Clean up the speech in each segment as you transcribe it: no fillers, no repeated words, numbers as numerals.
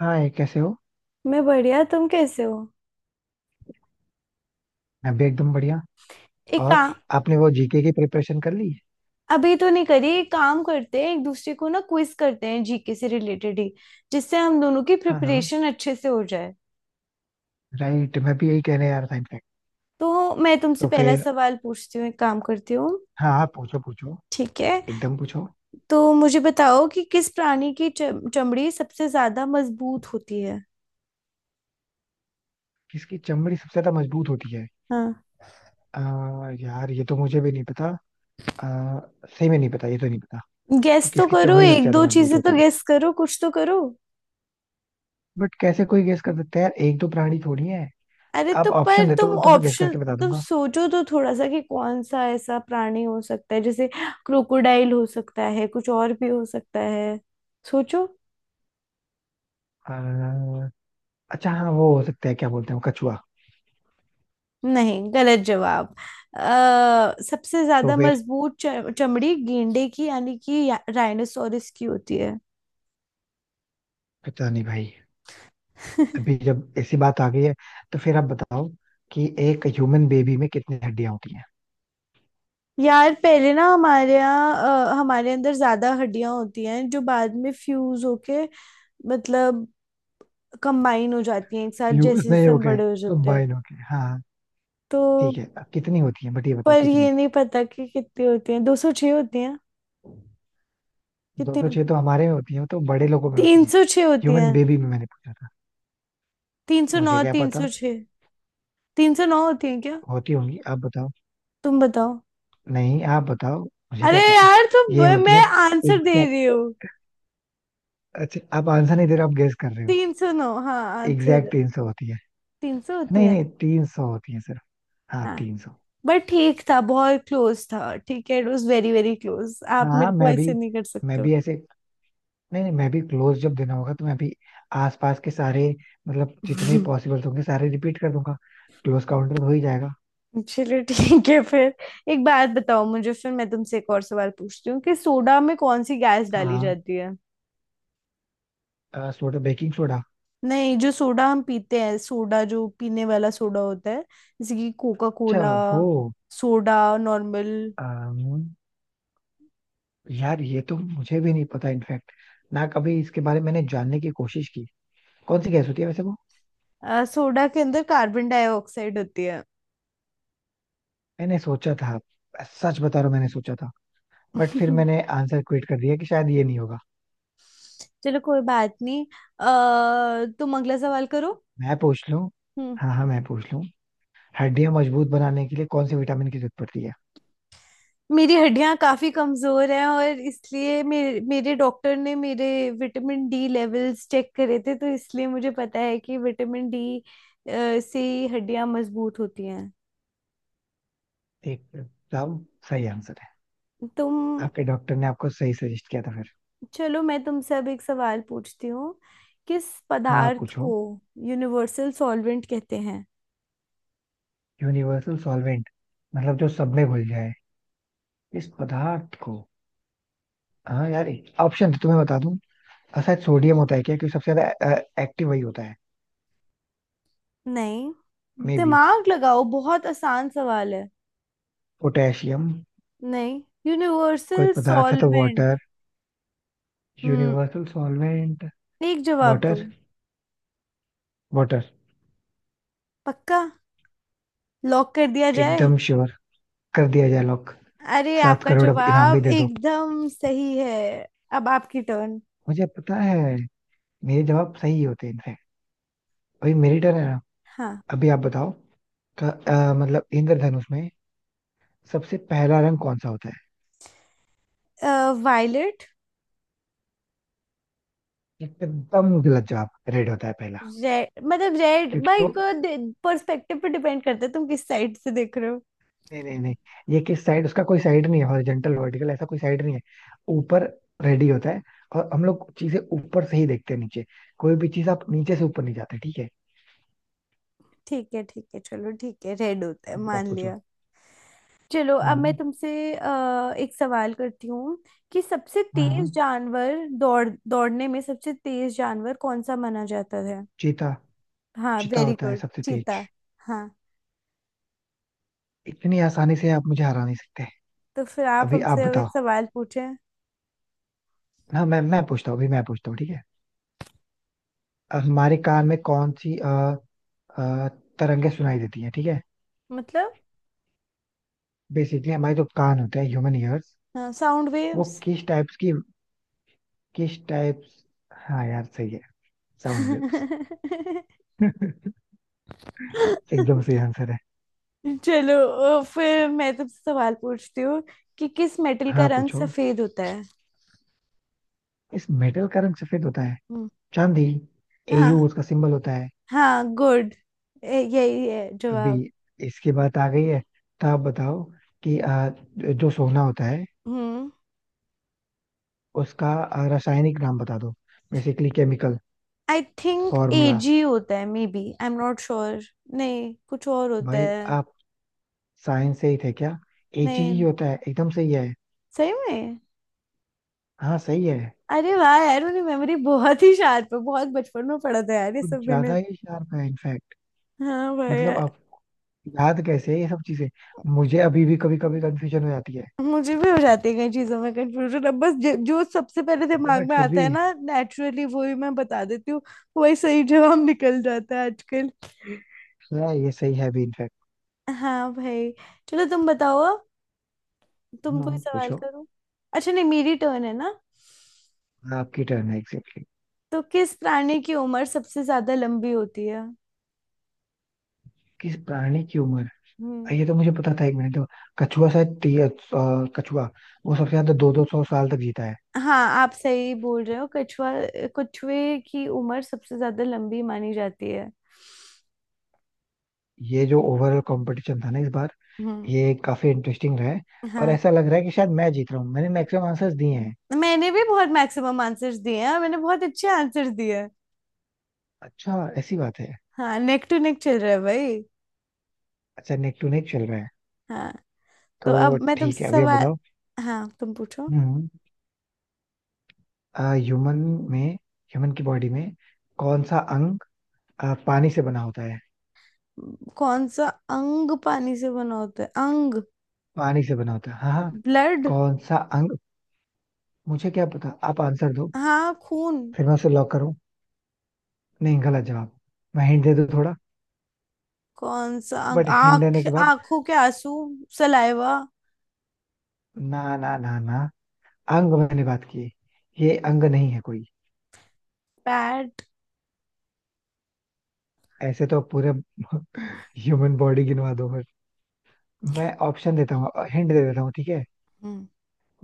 हाँ ये कैसे हो। मैं बढ़िया। तुम कैसे हो? मैं भी एकदम बढ़िया। एक और काम। आपने वो जीके की प्रिपरेशन कर ली? अभी तो नहीं करी। एक काम करते हैं, एक दूसरे को ना क्विज करते हैं, जीके से रिलेटेड ही। जिससे हम दोनों की हाँ हाँ, प्रिपरेशन अच्छे से हो जाए। राइट, मैं भी यही कहने आ रहा था इनफैक्ट। तो मैं तुमसे तो पहला फिर, सवाल पूछती हूँ, एक काम करती हूँ। हाँ आप पूछो पूछो, ठीक है। एकदम पूछो। तो मुझे बताओ कि किस प्राणी की चमड़ी सबसे ज्यादा मजबूत होती है? किसकी चमड़ी सबसे ज्यादा मजबूत होती है? हाँ। आ, यार ये तो मुझे भी नहीं पता। आ, सही में नहीं पता, ये तो नहीं पता गैस कि तो किसकी करो, चमड़ी सबसे एक ज्यादा दो मजबूत चीजें तो होती है। गैस करो, कुछ तो करो। बट कैसे कोई गेस कर सकता है यार, एक दो प्राणी थोड़ी है। अरे तो आप ऑप्शन पर देते तुम हो तो मैं गेस ऑप्शन। करके बता तुम दूंगा। सोचो तो थोड़ा सा कि कौन सा ऐसा प्राणी हो सकता है। जैसे क्रोकोडाइल हो सकता है, कुछ और भी हो सकता है। सोचो। आ, अच्छा हाँ वो हो सकता है, क्या बोलते हैं वो, कछुआ। नहीं, गलत जवाब। सबसे तो ज्यादा फिर, मजबूत चमड़ी गेंडे की यानी कि राइनोसोरस की होती है। पता नहीं भाई। अभी जब ऐसी बात आ गई है तो फिर आप बताओ कि एक ह्यूमन बेबी में कितनी हड्डियां होती हैं? यार पहले ना हमारे यहाँ हमारे अंदर ज्यादा हड्डियां होती हैं जो बाद में फ्यूज होके, मतलब कंबाइन हो जाती हैं एक साथ, फ्यूज जैसे नहीं जैसे हो हम गए, बड़े हो जाते हैं। कंबाइन हो गए, हाँ। तो। ठीक है, अब कितनी होती है बट ये बताओ पर कितनी? ये नहीं पता कि कितनी होती हैं। 206 होती हैं। दो कितनी सौ छह होती हैं? तो हमारे में होती है, तो बड़े लोगों में तीन होती है। सौ छह होती हैं। ह्यूमन बेबी में मैंने पूछा था। तीन सौ नौ, मुझे क्या तीन पता। सौ छह 309 होती हैं क्या? होती होंगी, आप बताओ। तुम बताओ। नहीं आप बताओ, मुझे अरे क्या पता। यार तुम। ये होती है मैं आंसर दे एग्जैक्ट। रही हूँ। अच्छा आप आंसर नहीं दे रहे हो, आप गेस कर रहे हो। 309, हाँ, आंसर। एग्जैक्ट 300 होती है। 300 होती नहीं है। नहीं, तीन सौ होती है सिर्फ। हाँ हाँ। 300। बट ठीक था, बहुत क्लोज था, ठीक है। It was very very close. हाँ आप हाँ, मेरे को मैं भी, ऐसे नहीं कर मैं सकते हो। भी ऐसे। नहीं नहीं, मैं भी क्लोज जब देना होगा तो मैं भी आसपास के सारे, मतलब जितने पॉसिबल होंगे सारे रिपीट कर दूंगा। क्लोज काउंटर हो ही जाएगा। चलो ठीक है फिर। एक बात बताओ मुझे, फिर मैं तुमसे एक और सवाल पूछती हूँ कि सोडा में कौन सी गैस डाली हाँ, जाती है? Soda baking soda? नहीं, जो सोडा हम पीते हैं, सोडा जो पीने वाला सोडा होता है, जैसे कि कोका अच्छा कोला। वो। Soda normal. अम, यार ये तो मुझे भी नहीं पता इनफैक्ट। ना कभी इसके बारे में मैंने जानने की कोशिश की, कौन सी गैस होती है वैसे वो। सोडा के अंदर कार्बन डाइऑक्साइड होती है। मैंने सोचा था, सच बता रहा हूँ मैंने सोचा था। बट फिर मैंने आंसर क्विट कर दिया कि शायद ये नहीं होगा। चलो कोई बात नहीं। अ, तुम अगला सवाल करो। मैं पूछ लूँ? हम्म। हाँ हाँ मैं पूछ लूँ। हड्डियां मजबूत बनाने के लिए कौन से विटामिन की जरूरत पड़ती है? मेरी हड्डियां काफी कमजोर हैं। और इसलिए मेरे मेरे डॉक्टर ने मेरे विटामिन डी लेवल्स चेक करे थे, तो इसलिए मुझे पता है कि विटामिन डी से हड्डियां मजबूत होती हैं। एक साहब सही आंसर है। तुम। आपके डॉक्टर ने आपको सही सजेस्ट किया था फिर। चलो मैं तुमसे अब एक सवाल पूछती हूँ, किस हाँ आप पदार्थ को पूछो। यूनिवर्सल सॉल्वेंट कहते हैं? Universal solvent? मतलब जो सब में घुल जाए, इस पदार्थ को। हाँ यार, ऑप्शन तो मैं बता दूं। शायद सोडियम होता है क्या, क्योंकि सबसे ज्यादा एक्टिव वही होता है। नहीं। मे बी दिमाग लगाओ, बहुत आसान सवाल है। पोटेशियम। नहीं। कोई यूनिवर्सल पदार्थ है तो solvent. Water. Hmm. Universal solvent. एक जवाब दो। वाटर। वाटर। पक्का। लॉक कर दिया जाए। एकदम श्योर। कर दिया जाए लॉक। अरे, सात आपका करोड़ अब इनाम भी जवाब दे दो। एकदम सही है। अब आपकी टर्न। मुझे पता है मेरे जवाब सही होते हैं इनफैक्ट। अभी मेरी टर्न है ना? हाँ। अभी आप बताओ। का मतलब इंद्रधनुष में सबसे पहला रंग कौन सा होता है? वायलेट। एकदम गलत जवाब। रेड होता है पहला। रेड मतलब, रेड क्योंकि भाई वो, को पर्सपेक्टिव पे डिपेंड करता है, तुम किस साइड से देख रहे हो? नहीं नहीं नहीं, ये किस साइड, उसका कोई साइड नहीं है, हॉरिजेंटल वर्टिकल ऐसा कोई साइड नहीं है। ऊपर रेड ही होता है, और हम लोग चीजें ऊपर से ही देखते हैं नीचे। कोई भी चीज आप नीचे से ऊपर नहीं जाते, ठीक है? ठीक है, ठीक है, चलो ठीक है, रेड होता है, अभी आप मान पूछो। लिया। चलो अब मैं हाँ तुमसे एक सवाल करती हूँ कि सबसे तेज हाँ, जानवर दौड़ने में सबसे तेज जानवर कौन सा माना जाता है? चीता। हाँ, चीता वेरी होता है गुड, सबसे तेज। चीता। हाँ। इतनी आसानी से आप मुझे हरा नहीं सकते। तो फिर आप अभी आप हमसे अब एक बताओ। सवाल पूछें। हाँ मैं पूछता हूँ, अभी मैं पूछता हूँ, ठीक है। हमारे कान में कौन सी अ, तरंगे सुनाई देती हैं, ठीक है? मतलब। बेसिकली हमारे जो कान होते हैं, ह्यूमन ईयर्स, साउंड वो वेव्स। किस टाइप्स की, किस टाइप्स? हाँ यार सही है, साउंड वेव्स। एकदम सही आंसर है। चलो फिर मैं तुमसे सवाल पूछती हूँ कि किस मेटल का हाँ रंग पूछो। सफेद होता है? इस मेटल का रंग सफेद होता है? हम्म। चांदी। एयू हाँ। उसका सिंबल होता है। हाँ, गुड। यही है अभी जवाब। इसकी बात आ गई है तो आप बताओ कि जो सोना होता है, हम्म। उसका रासायनिक नाम बता दो, basically chemical I think formula. AG होता है, may be I am not sure. नहीं, कुछ और होता भाई है। आप साइंस से ही थे क्या? एजी ही नहीं। होता है, एकदम सही है। सही में। हाँ सही है। अरे वाह यार, मेरी मेमोरी बहुत ही शार्प है। बहुत बचपन में पढ़ा था यार ये कुछ सब मैंने। ज्यादा ही शार्प है इनफैक्ट। हाँ भाई मतलब यार। आप याद कैसे है ये सब चीजें? मुझे अभी भी कभी कभी कंफ्यूजन हो जाती है। मुझे भी हो जाती है कई चीजों में कंफ्यूजन। अब बस जो जो सबसे पहले दिमाग बट में फिर आता भी। है ना नेचुरली, वो ही मैं बता देती हूँ। वही सही जवाब निकल जाता है आजकल। हाँ, ये सही है भी इनफैक्ट। हाँ भाई। चलो तुम बताओ। तुम हाँ कोई सवाल पूछो। करो। अच्छा नहीं, मेरी टर्न है ना। आपकी टर्न है एग्जैक्टली। तो किस प्राणी की उम्र सबसे ज्यादा लंबी होती है? किस प्राणी की उम्र? हम्म। ये तो मुझे पता था, एक मिनट तो। कछुआ शायद, कछुआ। वो सबसे ज्यादा दो दो सौ साल तक जीता है। हाँ, आप सही बोल रहे हो, कछुआ। कछुए की उम्र सबसे ज्यादा लंबी मानी जाती है। ये जो ओवरऑल कंपटीशन था ना इस बार, हम्म। ये काफी इंटरेस्टिंग रहा है। और हाँ। ऐसा लग रहा है कि शायद मैं जीत रहा हूँ, मैंने मैक्सिमम आंसर्स दिए हैं। मैंने भी बहुत मैक्सिमम आंसर्स दिए हैं। मैंने बहुत अच्छे आंसर्स दिए हैं। अच्छा ऐसी बात है। हाँ, नेक टू नेक चल रहा है भाई। अच्छा नेक टू नेक चल रहा है। हाँ। तो तो अब मैं तुमसे ठीक है, अभी आप सवाल। बताओ। हाँ, तुम पूछो। हम्म। ह्यूमन में, ह्यूमन की बॉडी में कौन सा अंग पानी से बना होता है? कौन सा अंग पानी से बना होता है, अंग? पानी से बना होता है, हाँ हाँ। ब्लड। कौन सा अंग, मुझे क्या पता, आप आंसर दो। हाँ, खून। फिर मैं उसे लॉक करूं? नहीं गलत जवाब। मैं हिंट दे दूं थोड़ा? कौन सा अंग? बट हिंट आंख? देने के बाद। आंखों के आंसू? सलाइवा? ना ना ना ना, अंग मैंने बात की, ये अंग नहीं है कोई। पैड? ऐसे तो पूरे ह्यूमन बॉडी गिनवा दो फिर। मैं ऑप्शन देता हूँ, हिंट दे देता हूँ, ठीक है? हम्म।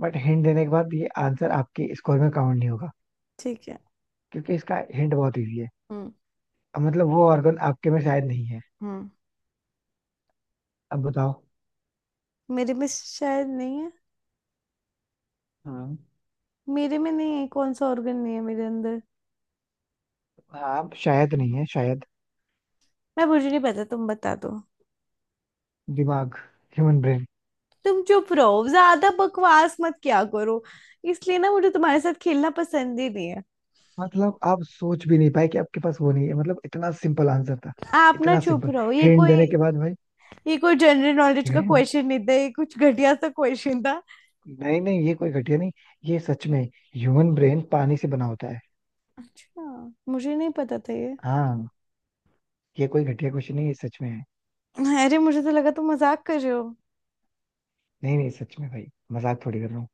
बट हिंट देने के बाद ये आंसर आपके स्कोर में काउंट नहीं होगा, ठीक है। क्योंकि इसका हिंट बहुत इजी है। हम्म। अब मतलब वो ऑर्गन आपके में शायद नहीं है। हम्म। अब बताओ। मेरे में शायद नहीं है। हाँ। मेरे में नहीं है? कौन सा ऑर्गन नहीं है मेरे अंदर? आप शायद नहीं है, शायद। मैं मुझे नहीं पता, तुम बता दो। दिमाग, ह्यूमन ब्रेन। तुम चुप रहो, ज्यादा बकवास मत किया करो। इसलिए ना मुझे तुम्हारे साथ खेलना पसंद ही नहीं है। मतलब आप सोच भी नहीं पाए कि आपके पास वो नहीं है, मतलब इतना सिंपल आंसर था। आप ना इतना चुप सिंपल, रहो, ये हिंट कोई। देने के बाद भाई। ये कोई जनरल नॉलेज का हिंट। क्वेश्चन नहीं था, ये कुछ घटिया सा क्वेश्चन था। नहीं नहीं, ये कोई घटिया नहीं, ये सच में ह्यूमन ब्रेन पानी से बना होता है। अच्छा। मुझे नहीं पता था ये। हाँ, ये कोई घटिया क्वेश्चन नहीं, ये सच में है। अरे मुझे तो लगा तुम मजाक कर रहे हो। नहीं नहीं सच में भाई, मजाक थोड़ी कर रहा हूँ।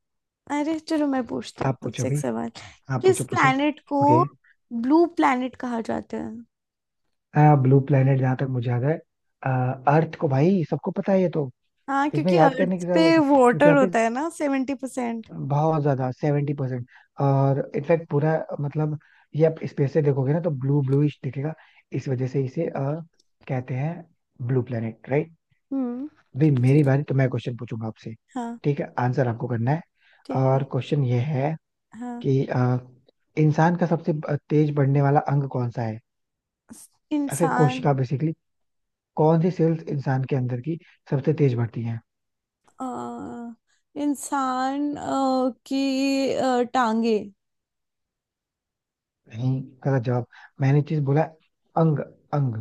अरे चलो, मैं पूछती हूँ अब आप पूछो तुमसे एक भाई, सवाल। आप किस पूछो पूछो। प्लैनेट को ओके। ब्लू प्लैनेट कहा जाता है? ब्लू प्लेनेट, जहां तक मुझे याद है, अर्थ को, भाई सबको पता है ये तो। हाँ इसमें क्योंकि याद करने अर्थ की पे जरूरत है, क्योंकि वाटर यहाँ पे होता है ना, 70%। बहुत ज्यादा 70%, और इनफैक्ट पूरा, मतलब ये आप स्पेस से देखोगे ना तो ब्लू ब्लूइश दिखेगा, इस वजह से इसे कहते हैं ब्लू प्लेनेट, राइट? हम्म। भाई मेरी बारी, तो मैं क्वेश्चन पूछूंगा आपसे, हाँ। ठीक है? आंसर आपको करना है, ठीक है। और क्वेश्चन ये है हाँ। कि इंसान का सबसे तेज बढ़ने वाला अंग कौन सा है, या फिर इंसान कोशिका बेसिकली, कौन सी सेल्स इंसान के अंदर की सबसे तेज बढ़ती है? अ, इंसान की टांगे। नहीं गलत जवाब। मैंने चीज बोला है, अंग, अंग।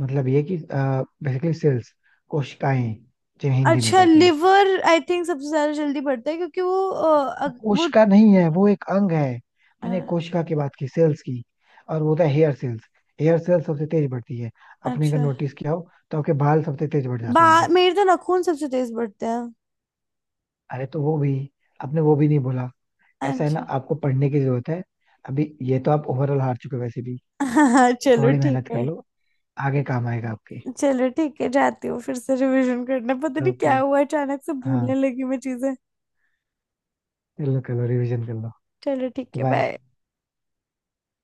मतलब ये कि बेसिकली सेल्स, कोशिकाएं, जिन्हें हिंदी में अच्छा, कहते हैं। लिवर आई थिंक सबसे ज्यादा जल्दी बढ़ता है क्योंकि वो वो। कोशिका नहीं है, वो एक अंग है। अ, मैंने कोशिका की बात की, सेल्स की, और वो था हेयर सेल्स। हेयर सेल्स सबसे तेज बढ़ती है। अपने अगर अच्छा। नोटिस किया हो तो आपके बाल सबसे तेज बढ़ बा जाते होंगे। मेरे तो नाखून सबसे तेज बढ़ते हैं। अरे तो वो भी आपने वो भी नहीं बोला। ऐसा है ना, अच्छा। आपको पढ़ने की जरूरत है। अभी ये तो आप ओवरऑल हार चुके हो वैसे भी। चलो थोड़ी ठीक मेहनत कर है। लो, आगे काम आएगा आपके। चलो ठीक है, जाती हूँ फिर से रिवीजन करना। पता नहीं ओके। क्या हुआ, अचानक से भूलने हाँ, लगी मैं चीजें। कर लो कर लो, रिविजन कर लो। चलो ठीक है, बाय। बाय।